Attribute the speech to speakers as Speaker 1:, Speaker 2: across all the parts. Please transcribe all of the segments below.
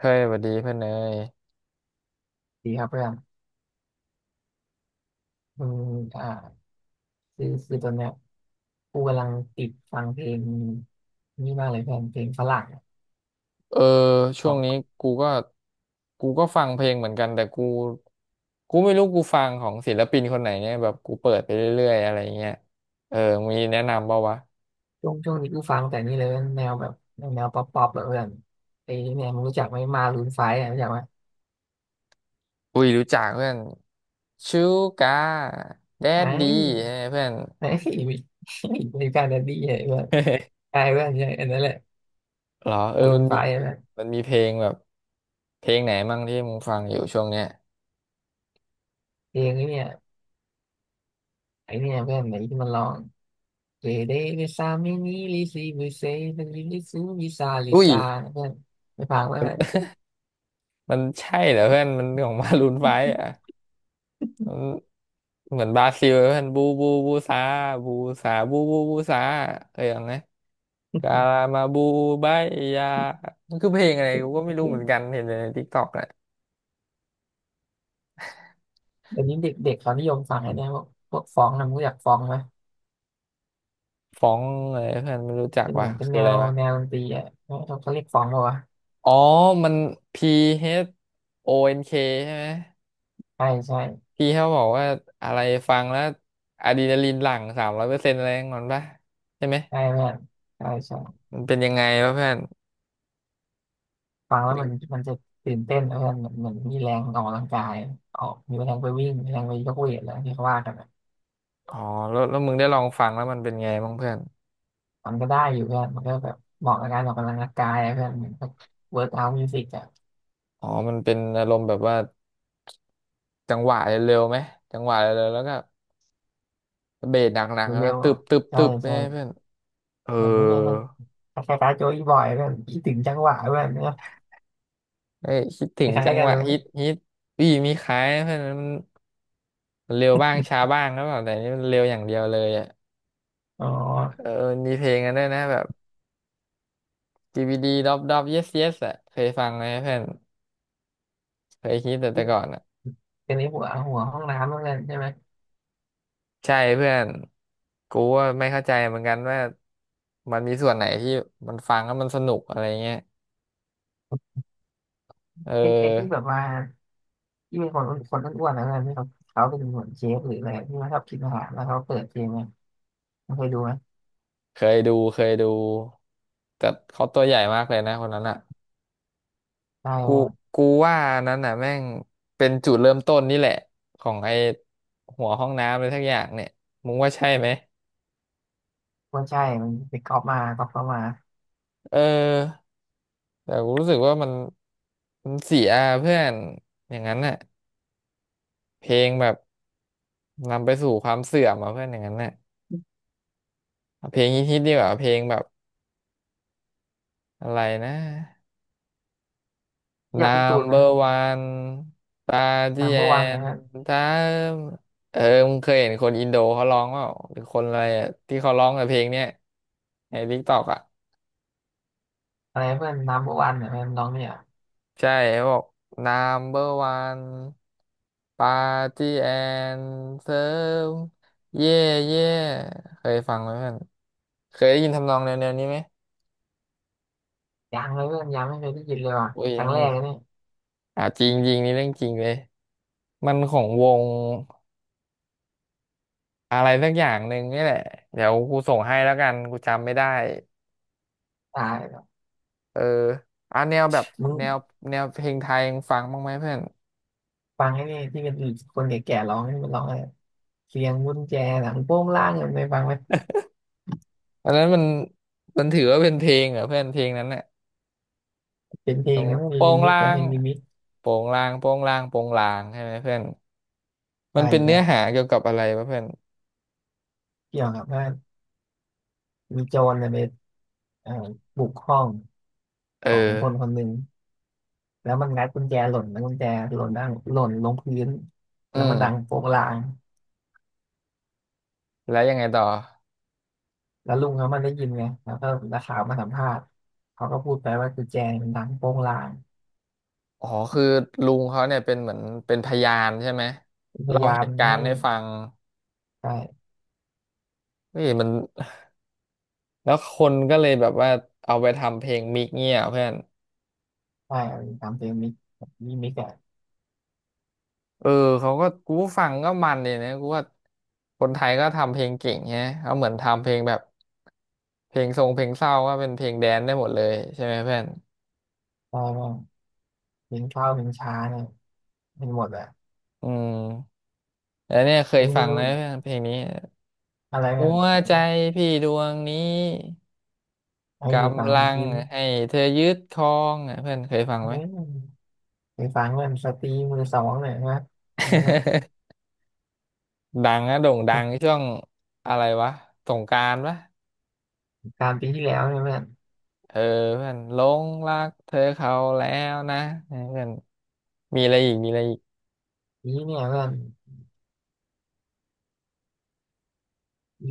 Speaker 1: เฮ้ยสวัสดีเพื่อนเนย
Speaker 2: ดีครับเพื่อนอืมอ่าคือตอนเนี้ยกูกำลังติดฟังเพลงนี่มากเลยเพื่อนเพลงฝรั่งอะ
Speaker 1: เออ
Speaker 2: ข
Speaker 1: ช่วง
Speaker 2: อ
Speaker 1: นี้
Speaker 2: ง
Speaker 1: กูก็กูก็ฟังเพลงเหมือนกันแต่กูไม่รู้กูฟังของศิลปินคนไหนเนี่ยแบบกูเปิดไปเรื่อยๆอะไรเงี้ยเออมีแนะนำเปล่าวะ
Speaker 2: ช่วงนี้กูฟังแต่นี่เลยแนวแบบแนวป๊อปป๊อปแบบเพื่อนไอ้เนี่ยมึงรู้จักไหมมารูนไฟอ่ะรู้จักไหม
Speaker 1: อุ้ยรู้จักเพื่อนชูกาแด
Speaker 2: ไอ
Speaker 1: ดดี
Speaker 2: ้
Speaker 1: เพื่อน
Speaker 2: ไอ้มีการดัดดี้เนี่ยเพื่อน ใช่เพื่อนใช่อันนั้นแหละ
Speaker 1: เหรอเออ
Speaker 2: มารู
Speaker 1: มัน
Speaker 2: นไฟ
Speaker 1: มี
Speaker 2: อ่ะเพื่อน
Speaker 1: มันมีเพลงแบบเพลงไหนมั่งที่มึงฟังอยู่ช่วงเนี้ย
Speaker 2: เพลงนี้เนี่ยไอ้เนี่ยเพื่อนไหนที่มันร้องเกเดเวิซามินิลิซิบุเซลิลิซูมิซาลิ
Speaker 1: อุ้ย
Speaker 2: ซาเพื่อนไปฟังไหมเพื่อน
Speaker 1: มันใช่เหรอเพื่อนมันของ มารูนไฟว์อ่ะ เหมือนบราซิลเพื่อนบูบูบูซาบูซาบูบูบูซาเคยฟังไหมกาลามาบูบายยามันคือเพลงอะไรกูก็ไม่รู้เหมือนกันเห็นแต่ในทิกตอกแหละ
Speaker 2: เดี๋ยวนี้เด็กเด็กเขานิยมฟังไอ้เนี่ยพวกฟ้องนะมึงรู้จักฟ้องไหม
Speaker 1: ฟ้องอะไรเพื่อนไม่รู้จัก
Speaker 2: เป็นเห
Speaker 1: วะ
Speaker 2: มือนเป็น
Speaker 1: คือ
Speaker 2: แน
Speaker 1: อะไร
Speaker 2: ว
Speaker 1: วะ
Speaker 2: แนวดนตรีอ่ะเขาเรียกฟ้องเหรอวะ
Speaker 1: อ๋อมัน PHONK ใช่ไหม
Speaker 2: ใช่ใช่
Speaker 1: พี่เขาบอกว่าอะไรฟังแล้วอะดรีนาลีนหลั่ง300%อะไรอย่างนั้นปะใช่ไหม
Speaker 2: ใช่เพื่อนใช่ใช่
Speaker 1: มันเป็นยังไงวะเพื่อน
Speaker 2: ฟังแล้วมันจะตื่นเต้นนะเพื่อนเหมือนเหมือนมีแรงออกกำลังกายออกมีแรงไปวิ่งมีแรงไปยกเวทอะไรที่เขาว่ากันอะ
Speaker 1: อ๋อแล้วมึงได้ลองฟังแล้วมันเป็นไงบ้างเพื่อน
Speaker 2: มันก็ได้อยู่เพื่อนมันก็แบบเหมาะกับการออกกำลังกายอะเพื่อนเหมือนเวิร์กเอาท์มิวสิกอะ
Speaker 1: อ๋อมันเป็นอารมณ์แบบว่า จังหวะเร็วๆไหมจังหวะเร็วๆแล้วก็เบสหนักๆ
Speaker 2: เร็
Speaker 1: นะ
Speaker 2: ว
Speaker 1: ตึบตึบ
Speaker 2: ๆใช่
Speaker 1: ตึบเนี่
Speaker 2: ใช่
Speaker 1: ยเพื่อนเออ
Speaker 2: เหมือนนี่เนี่ยมันคล้ายๆโจอีบอยเพื่อนคิดถึงจังหวะเพื่อนเนอะ
Speaker 1: เอ้ยคิดถึ
Speaker 2: ค
Speaker 1: ง
Speaker 2: ล้าย
Speaker 1: จัง
Speaker 2: ๆกั
Speaker 1: ห
Speaker 2: น
Speaker 1: วะ
Speaker 2: เล
Speaker 1: ฮิต
Speaker 2: ย
Speaker 1: ฮิตอีมีขายนะเพื่อนมันเร็วบ้างช้าบ้างแล้วแบบแต่นี่มันเร็วอย่างเดียวเลยอ่ะ
Speaker 2: อ๋อ
Speaker 1: เออมนีเพลงกันด้วยนะแบบ DVD ดดอบดอบ yes yes อ่ะเคยฟังไหมเพื่อนเคยฮิตแต่ก่อนอ่ะ
Speaker 2: เป็นไอ้หัวห้องน้ำแล้นกันใช่ไหม
Speaker 1: ใช่เพื่อนกูว่าไม่เข้าใจเหมือนกันว่ามันมีส่วนไหนที่มันฟังแล้วมันสนุกอะไรเงี้ยเอ
Speaker 2: ไอ้ที่แบบ
Speaker 1: อ
Speaker 2: ว่าที่มีคนคนอ้วนๆแล้วนี่เขาเป็นหัวเชฟหรืออะไรที่ว่าชอบกินอาหารแล้วเขาเปิดเพลงไงมันเคยดูไหม
Speaker 1: เคยดูเคยดูแต่เขาตัวใหญ่มากเลยนะคนนั้นอ่ะ
Speaker 2: ใช
Speaker 1: กู
Speaker 2: ่
Speaker 1: กูว่านั้นอ่ะแม่งเป็นจุดเริ่มต้นนี่แหละของไอ้หัวห้องน้ำอะไรทักอย่างเนี่ยมึงว่าใช่ไหม
Speaker 2: ว่าใช่มันไปก๊อปมาก๊อปเข้ามา
Speaker 1: เออแต่กูรู้สึกว่ามันเสียเพื่อนอย่างนั้นน่ะเพลงแบบนำไปสู่ความเสื่อมอ่ะเพื่อนอย่างนั้นน่ะเอาเพลงฮิตๆดีกว่าเพลงแบบอะไรนะ
Speaker 2: อยากพี่ตูนนั้
Speaker 1: number
Speaker 2: น
Speaker 1: one ปาที่
Speaker 2: นัมเบ
Speaker 1: แอ
Speaker 2: อร์วันนะ
Speaker 1: นถ้ามเออมึงเคยเห็นคนอินโดเขาร้องเปล่าหรือคนอะไรอะที่เขาร้องกับเพลงเนี้ยในทิกตอกอ่ะ
Speaker 2: อะไรเพื่อนนัมเบอร์วันเนี่ยน้องเนี่ย
Speaker 1: ใช่เขาบอก number one ปาที่แอนเซิร์มเย่เย่เคยฟังไหมเพื่อนเคยได้ยินทำนองแนวๆนี้ไหม
Speaker 2: ยังเลยเพื่อนยังไม่เคยได้ยินเลยว่ะ
Speaker 1: โอ้ย
Speaker 2: ค
Speaker 1: ยั
Speaker 2: รั้
Speaker 1: ง
Speaker 2: งแร
Speaker 1: ไม่
Speaker 2: กเลยเนี่ย
Speaker 1: อ่ะจริงจริงนี่เรื่องจริงเลย มันของวง อะไรสักอย่างหนึ่งนี่แหละเดี๋ยวกูส่งให้แล้วกันกูจำไม่ได้
Speaker 2: ตายแล้ว
Speaker 1: เอออ่ะแนวแบบ
Speaker 2: มึง
Speaker 1: แนวแนวเพลงไทยยังฟังบ้างไหมเพื่อน
Speaker 2: ฟังไอ้นี่ที่เป็นคนแก่ๆร้องนี่มันร้องอะไรเสียงกุญแจหลังโป้งล่างเนี่ยไปฟังไหม
Speaker 1: อันนั้นมันถือว่าเป็นเพลงเหรอเพื่อนเพลงนั้นเนี่ย
Speaker 2: เป็น
Speaker 1: อ
Speaker 2: เพล
Speaker 1: ย่า
Speaker 2: ง
Speaker 1: ง
Speaker 2: นะมัน
Speaker 1: โป
Speaker 2: รี
Speaker 1: ง
Speaker 2: มิก
Speaker 1: ลา
Speaker 2: แต่เพ
Speaker 1: ง
Speaker 2: ลงรีมิก
Speaker 1: โปงลางโปงลางใช่ไหมเพื่อนมั
Speaker 2: ใช่
Speaker 1: นเป็น
Speaker 2: ใช่
Speaker 1: เนื้อหาเกี่ยวกับอะไรวะเพื่อน
Speaker 2: เกี่ยวกับว่า มีโจรเนี่ยไปเอ่อบุกห้อง
Speaker 1: เออ
Speaker 2: ของคนคนหนึ่งแล้วมันงัดกุญแจหล่นแล้วกุญแจหล่นด้านหล่นลงพื้น
Speaker 1: อื
Speaker 2: แล้วมั
Speaker 1: ม
Speaker 2: นดังโป๊กลาง
Speaker 1: แล้วยังไงต่อ
Speaker 2: แล้วลุงเขามันได้ยินไงแล้วก็นักข่าวมาสัมภาษณ์เขาก็พูดไปว่ากุญแจมันดังโป๊กลาง
Speaker 1: อ๋อคือลุงเขาเนี่ยเป็นเหมือนเป็นพยานใช่ไหม
Speaker 2: พ
Speaker 1: เล่า
Speaker 2: ยายา
Speaker 1: เห
Speaker 2: ม
Speaker 1: ตุการ
Speaker 2: ให้
Speaker 1: ณ์ให้ฟัง
Speaker 2: ใช่
Speaker 1: เฮ้ยมัน แล้วคนก็เลยแบบว่าเอาไปทำเพลงมิกเงี้ยเพื่อน
Speaker 2: ใช้รตามเพลงมิกมีมิกอะ
Speaker 1: เออเขาก็กูฟังก็มันเลยนะกูว่าคนไทยก็ทำเพลงเก่งไงเขาเหมือนทำเพลงแบบเพลงทรงเพลงเศร้าก็เป็นเพลงแดนซ์ได้หมดเลยใช่ไหมเพื่อน
Speaker 2: ใช่ว่าเพลงเข้าเพลงช้าเนี่ยเป็นหมดอะ
Speaker 1: อืมแล้วเนี่ยเคย
Speaker 2: มึง
Speaker 1: ฟั
Speaker 2: มึ
Speaker 1: งไหม
Speaker 2: ง
Speaker 1: เพื่อนเพลงนี้
Speaker 2: อะไรเนี่
Speaker 1: หั
Speaker 2: ย
Speaker 1: วใจพี่ดวงนี้
Speaker 2: ให้
Speaker 1: ก
Speaker 2: ไปฟัง
Speaker 1: ำลัง
Speaker 2: ยิ้ม
Speaker 1: ให้เธอยึดครองอ่ะเพื่อนเคยฟัง
Speaker 2: เอ้
Speaker 1: ไหม
Speaker 2: ยไปฟังมันสตรีมือสองเนี่ยนะเห็นไหมเนี่ย
Speaker 1: ดังนะโด่งดังช่วงอะไรวะสงกรานต์ปะ
Speaker 2: กลารปีที่แล้วเนี่ยเพื่อน
Speaker 1: เออเพื่อนหลงรักเธอเขาแล้วนะเออเพื่อนมีอะไรอีกมีอะไรอีก
Speaker 2: นี้เนี่ยเพื่อน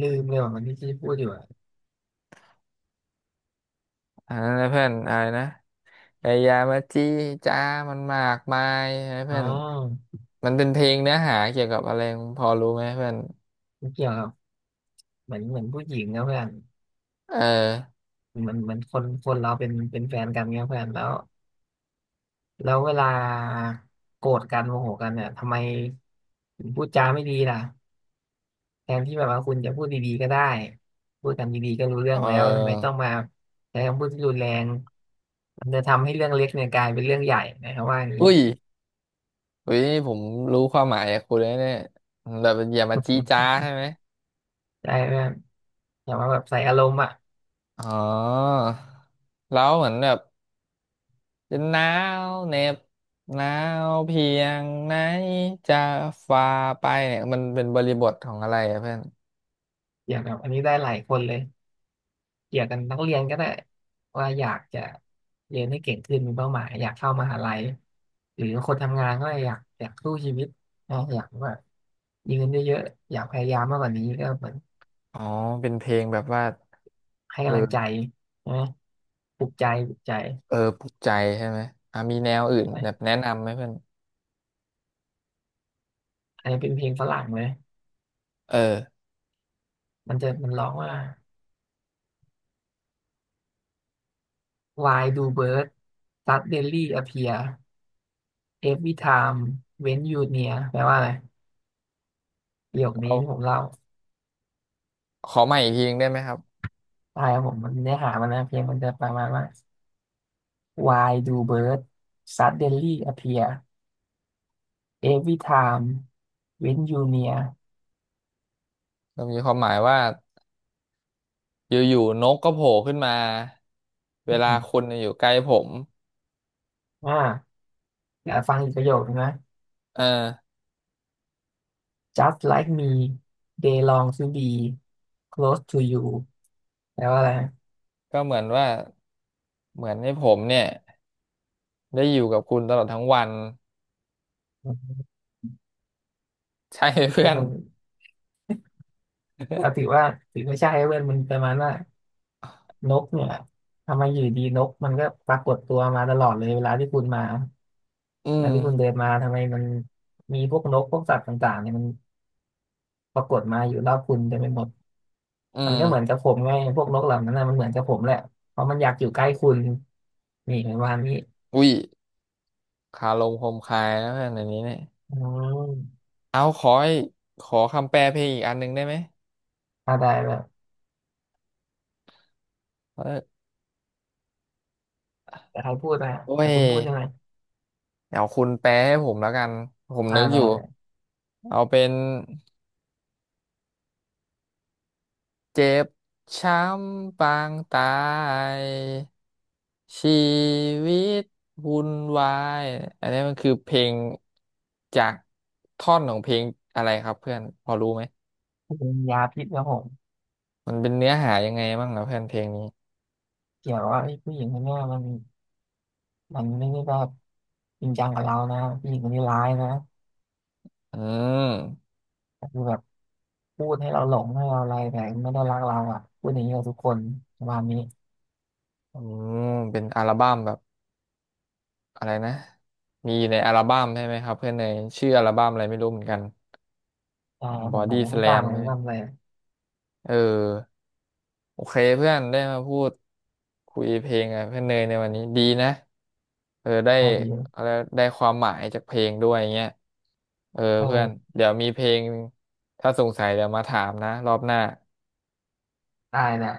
Speaker 2: ลืมเลยว่ามันที่ที่พูดอยู่อะ
Speaker 1: อ่าเพื่อนอะไรนะไอ้ยามาจี้จ้ามันมากมายนะ
Speaker 2: อ๋อ
Speaker 1: เพื่อนมันเป็นเพลงเนื้อหาเกี่ยวกับอะไรพอรู้ไหมเพื่อน
Speaker 2: มันเกี่ยวกับเหมือนเหมือนผู้หญิงนะเพื่อน
Speaker 1: เออ
Speaker 2: เหมือนเหมือนคนคนเราเป็นเป็นแฟนกันเนี่ยเพื่อนแล้วเวลาโกรธกันโมโหกันเนี่ยทำไมถึงพูดจาไม่ดีล่ะแทนที่แบบว่าคุณจะพูดดีๆก็ได้พูดกันดีๆก็รู้เรื่
Speaker 1: เอ
Speaker 2: องแล้วทำไม
Speaker 1: อ
Speaker 2: ต้องมาใช้คำพูดที่รุนแรงมันจะทำให้เรื่องเล็กเนี่ยกลายเป็นเรื่องใหญ่นะครับว่าอย่างนี้
Speaker 1: อุ้ยอุ้ยนี่ผมรู้ความหมายจากคุณแล้เนี่ยแบบอย่ามาจี้จ้าใช่ไหม
Speaker 2: ได้เพื่อนแต่ว่าแบบใส่อารมณ์อ่ะ
Speaker 1: อ๋อแล้วเหมือนแบบ จะหนาวเหน็บหนาวเพียงไหนจะฝ่าไปเนี่ยมันเป็นบริบทของอะไรอะเพื่อน
Speaker 2: อย่างแบบอันนี้ได้หลายคนเลย เกี่ยวกับนักเรียนก็ได้ว่าอยากจะเรียนให้เก่งขึ้นมีเป้าหมายอยากเข้ามหาลัยหรือคนทำงานก็อยากสู้ชีวิตนะอยากว่ามีเงินเยอะๆอยากพยายามมากกว่านี้ก็เหมือน
Speaker 1: อ๋อเป็นเพลงแบบว่า
Speaker 2: ให้กำลังใจ
Speaker 1: เออ
Speaker 2: นะปลุกใจปลุกใจ
Speaker 1: เออปลุกใจใช่ไหมอ่ะมีแนวอื่นแบบแนะนำไหมเพื่อน
Speaker 2: อันนี้เป็นเพลงฝรั่งเลย
Speaker 1: เออ
Speaker 2: มันร้องว่า Why do birds suddenly appear every time when you near แปลว่าอะไรประโยคนี้
Speaker 1: เอา
Speaker 2: ที่ผมเล่า
Speaker 1: ขอใหม่อีกทีหนึงได้ไหมครับ
Speaker 2: ตายครับผมมันเนื้อหามันนะเพลงมันจะประมาณว่า Why do birds suddenly appear every time when you near
Speaker 1: มันมีความหมายว่าอยู่ๆนกก็โผล่ขึ้นมาเว
Speaker 2: อื
Speaker 1: ลา
Speaker 2: ม
Speaker 1: คุณอยู่ใกล้ผม
Speaker 2: อ่าเดี๋ยากฟังอีกประโยคนึงนะ
Speaker 1: เออ
Speaker 2: Just like me they long to be close to you แปลว่าอะไรนะ
Speaker 1: ก็เหมือนว่าเหมือนให้ผมเนี่ยได้อยู่กับคุณตลอดทั้งวัน
Speaker 2: ม
Speaker 1: ใช่ไหมเพื่
Speaker 2: คือ
Speaker 1: อน
Speaker 2: มัน ก็ถือว่าถือไม่ใช่เว้ยมันประมาณว่านกเนี่ย ทำไมอยู่ดีนกมันก็ปรากฏตัวมาตลอดเลยเวลาที่คุณมา
Speaker 1: อื
Speaker 2: เว
Speaker 1: ม
Speaker 2: ลาที่คุณเดินมาทำไมมัน มีพวกนกพวกสัตว์ต่างๆเนี่ยมันปรากฏมาอยู่รอบคุณเต็มไปหมด
Speaker 1: อื
Speaker 2: มันก็เหมือนกั
Speaker 1: ม
Speaker 2: บผมไงพวกนกเหล่านั้นนะมันเหมือนกับผมแหละเพราะมันอยากอยู่ใกล้คุณนี่ปรมาณนี้
Speaker 1: อุ้ยคาลมคมคายนะเพื่อนอันนี้เนี่ย
Speaker 2: อืม
Speaker 1: เอาขอให้ขอคำแปลเพลงอีกอันหนึ่งได้ไหม
Speaker 2: อ่าได้แบบ
Speaker 1: เออ
Speaker 2: แต่ใครพูดนะ
Speaker 1: โอ้
Speaker 2: แต่
Speaker 1: ย
Speaker 2: คุณพูดใช่ไหม
Speaker 1: เดี๋ยวคุณแปลให้ผมแล้วกันผม
Speaker 2: อ่า
Speaker 1: นึกอ
Speaker 2: ได้
Speaker 1: ยู่
Speaker 2: เลย
Speaker 1: เอาเป็นเจ็บช้ำปางตายชีวิตวุ่นวายอันนี้มันคือเพลงจากท่อนของเพลงอะไรครับเพื่อนพอรู้ไหม
Speaker 2: เป็นยาพิษครับผม
Speaker 1: มันเป็นเนื้อหายังไงบ้างนะเพื่อนเพลงนี้
Speaker 2: เกี่ยวว่าไอ้ผู้หญิงคนเนี้ยมันมันไม่ได้แบบจริงจังกับเรานะผู้หญิงคนนี้ร้ายนะ
Speaker 1: อืม
Speaker 2: แต่คือแบบพูดให้เราหลงให้เราอะไรแต่ไม่ได้รักเราอ่ะพูดอย่างนี้กับทุกคนประมาณนี้
Speaker 1: อืมเป็นอัลบั้มแบบอะไรนะมีอยู่ในอัลบั้มใช่ไหมครับเพื่อนเนยชื่ออัลบั้มอะไรไม่รู้เหมือนกัน
Speaker 2: ใช่
Speaker 1: ของบ
Speaker 2: ผ
Speaker 1: อ
Speaker 2: มผม
Speaker 1: ดี้
Speaker 2: ก็
Speaker 1: ส
Speaker 2: ไม่
Speaker 1: แล
Speaker 2: ต่าง
Speaker 1: ม
Speaker 2: เลย
Speaker 1: เนี่
Speaker 2: ไม่
Speaker 1: ย
Speaker 2: ทำอะไร
Speaker 1: เออโอเคเพื่อนได้มาพูดคุยเพลงกับเพื่อนเนยในวันนี้ดีนะเออได้
Speaker 2: พอดี
Speaker 1: อะไรได้ความหมายจากเพลงด้วยเงี้ยเออ
Speaker 2: เอ
Speaker 1: เพื่อน
Speaker 2: อ
Speaker 1: เดี๋ยวมีเพลงถ้าสงสัยเดี๋ยวมาถามนะรอบหน้า
Speaker 2: ตายแหละ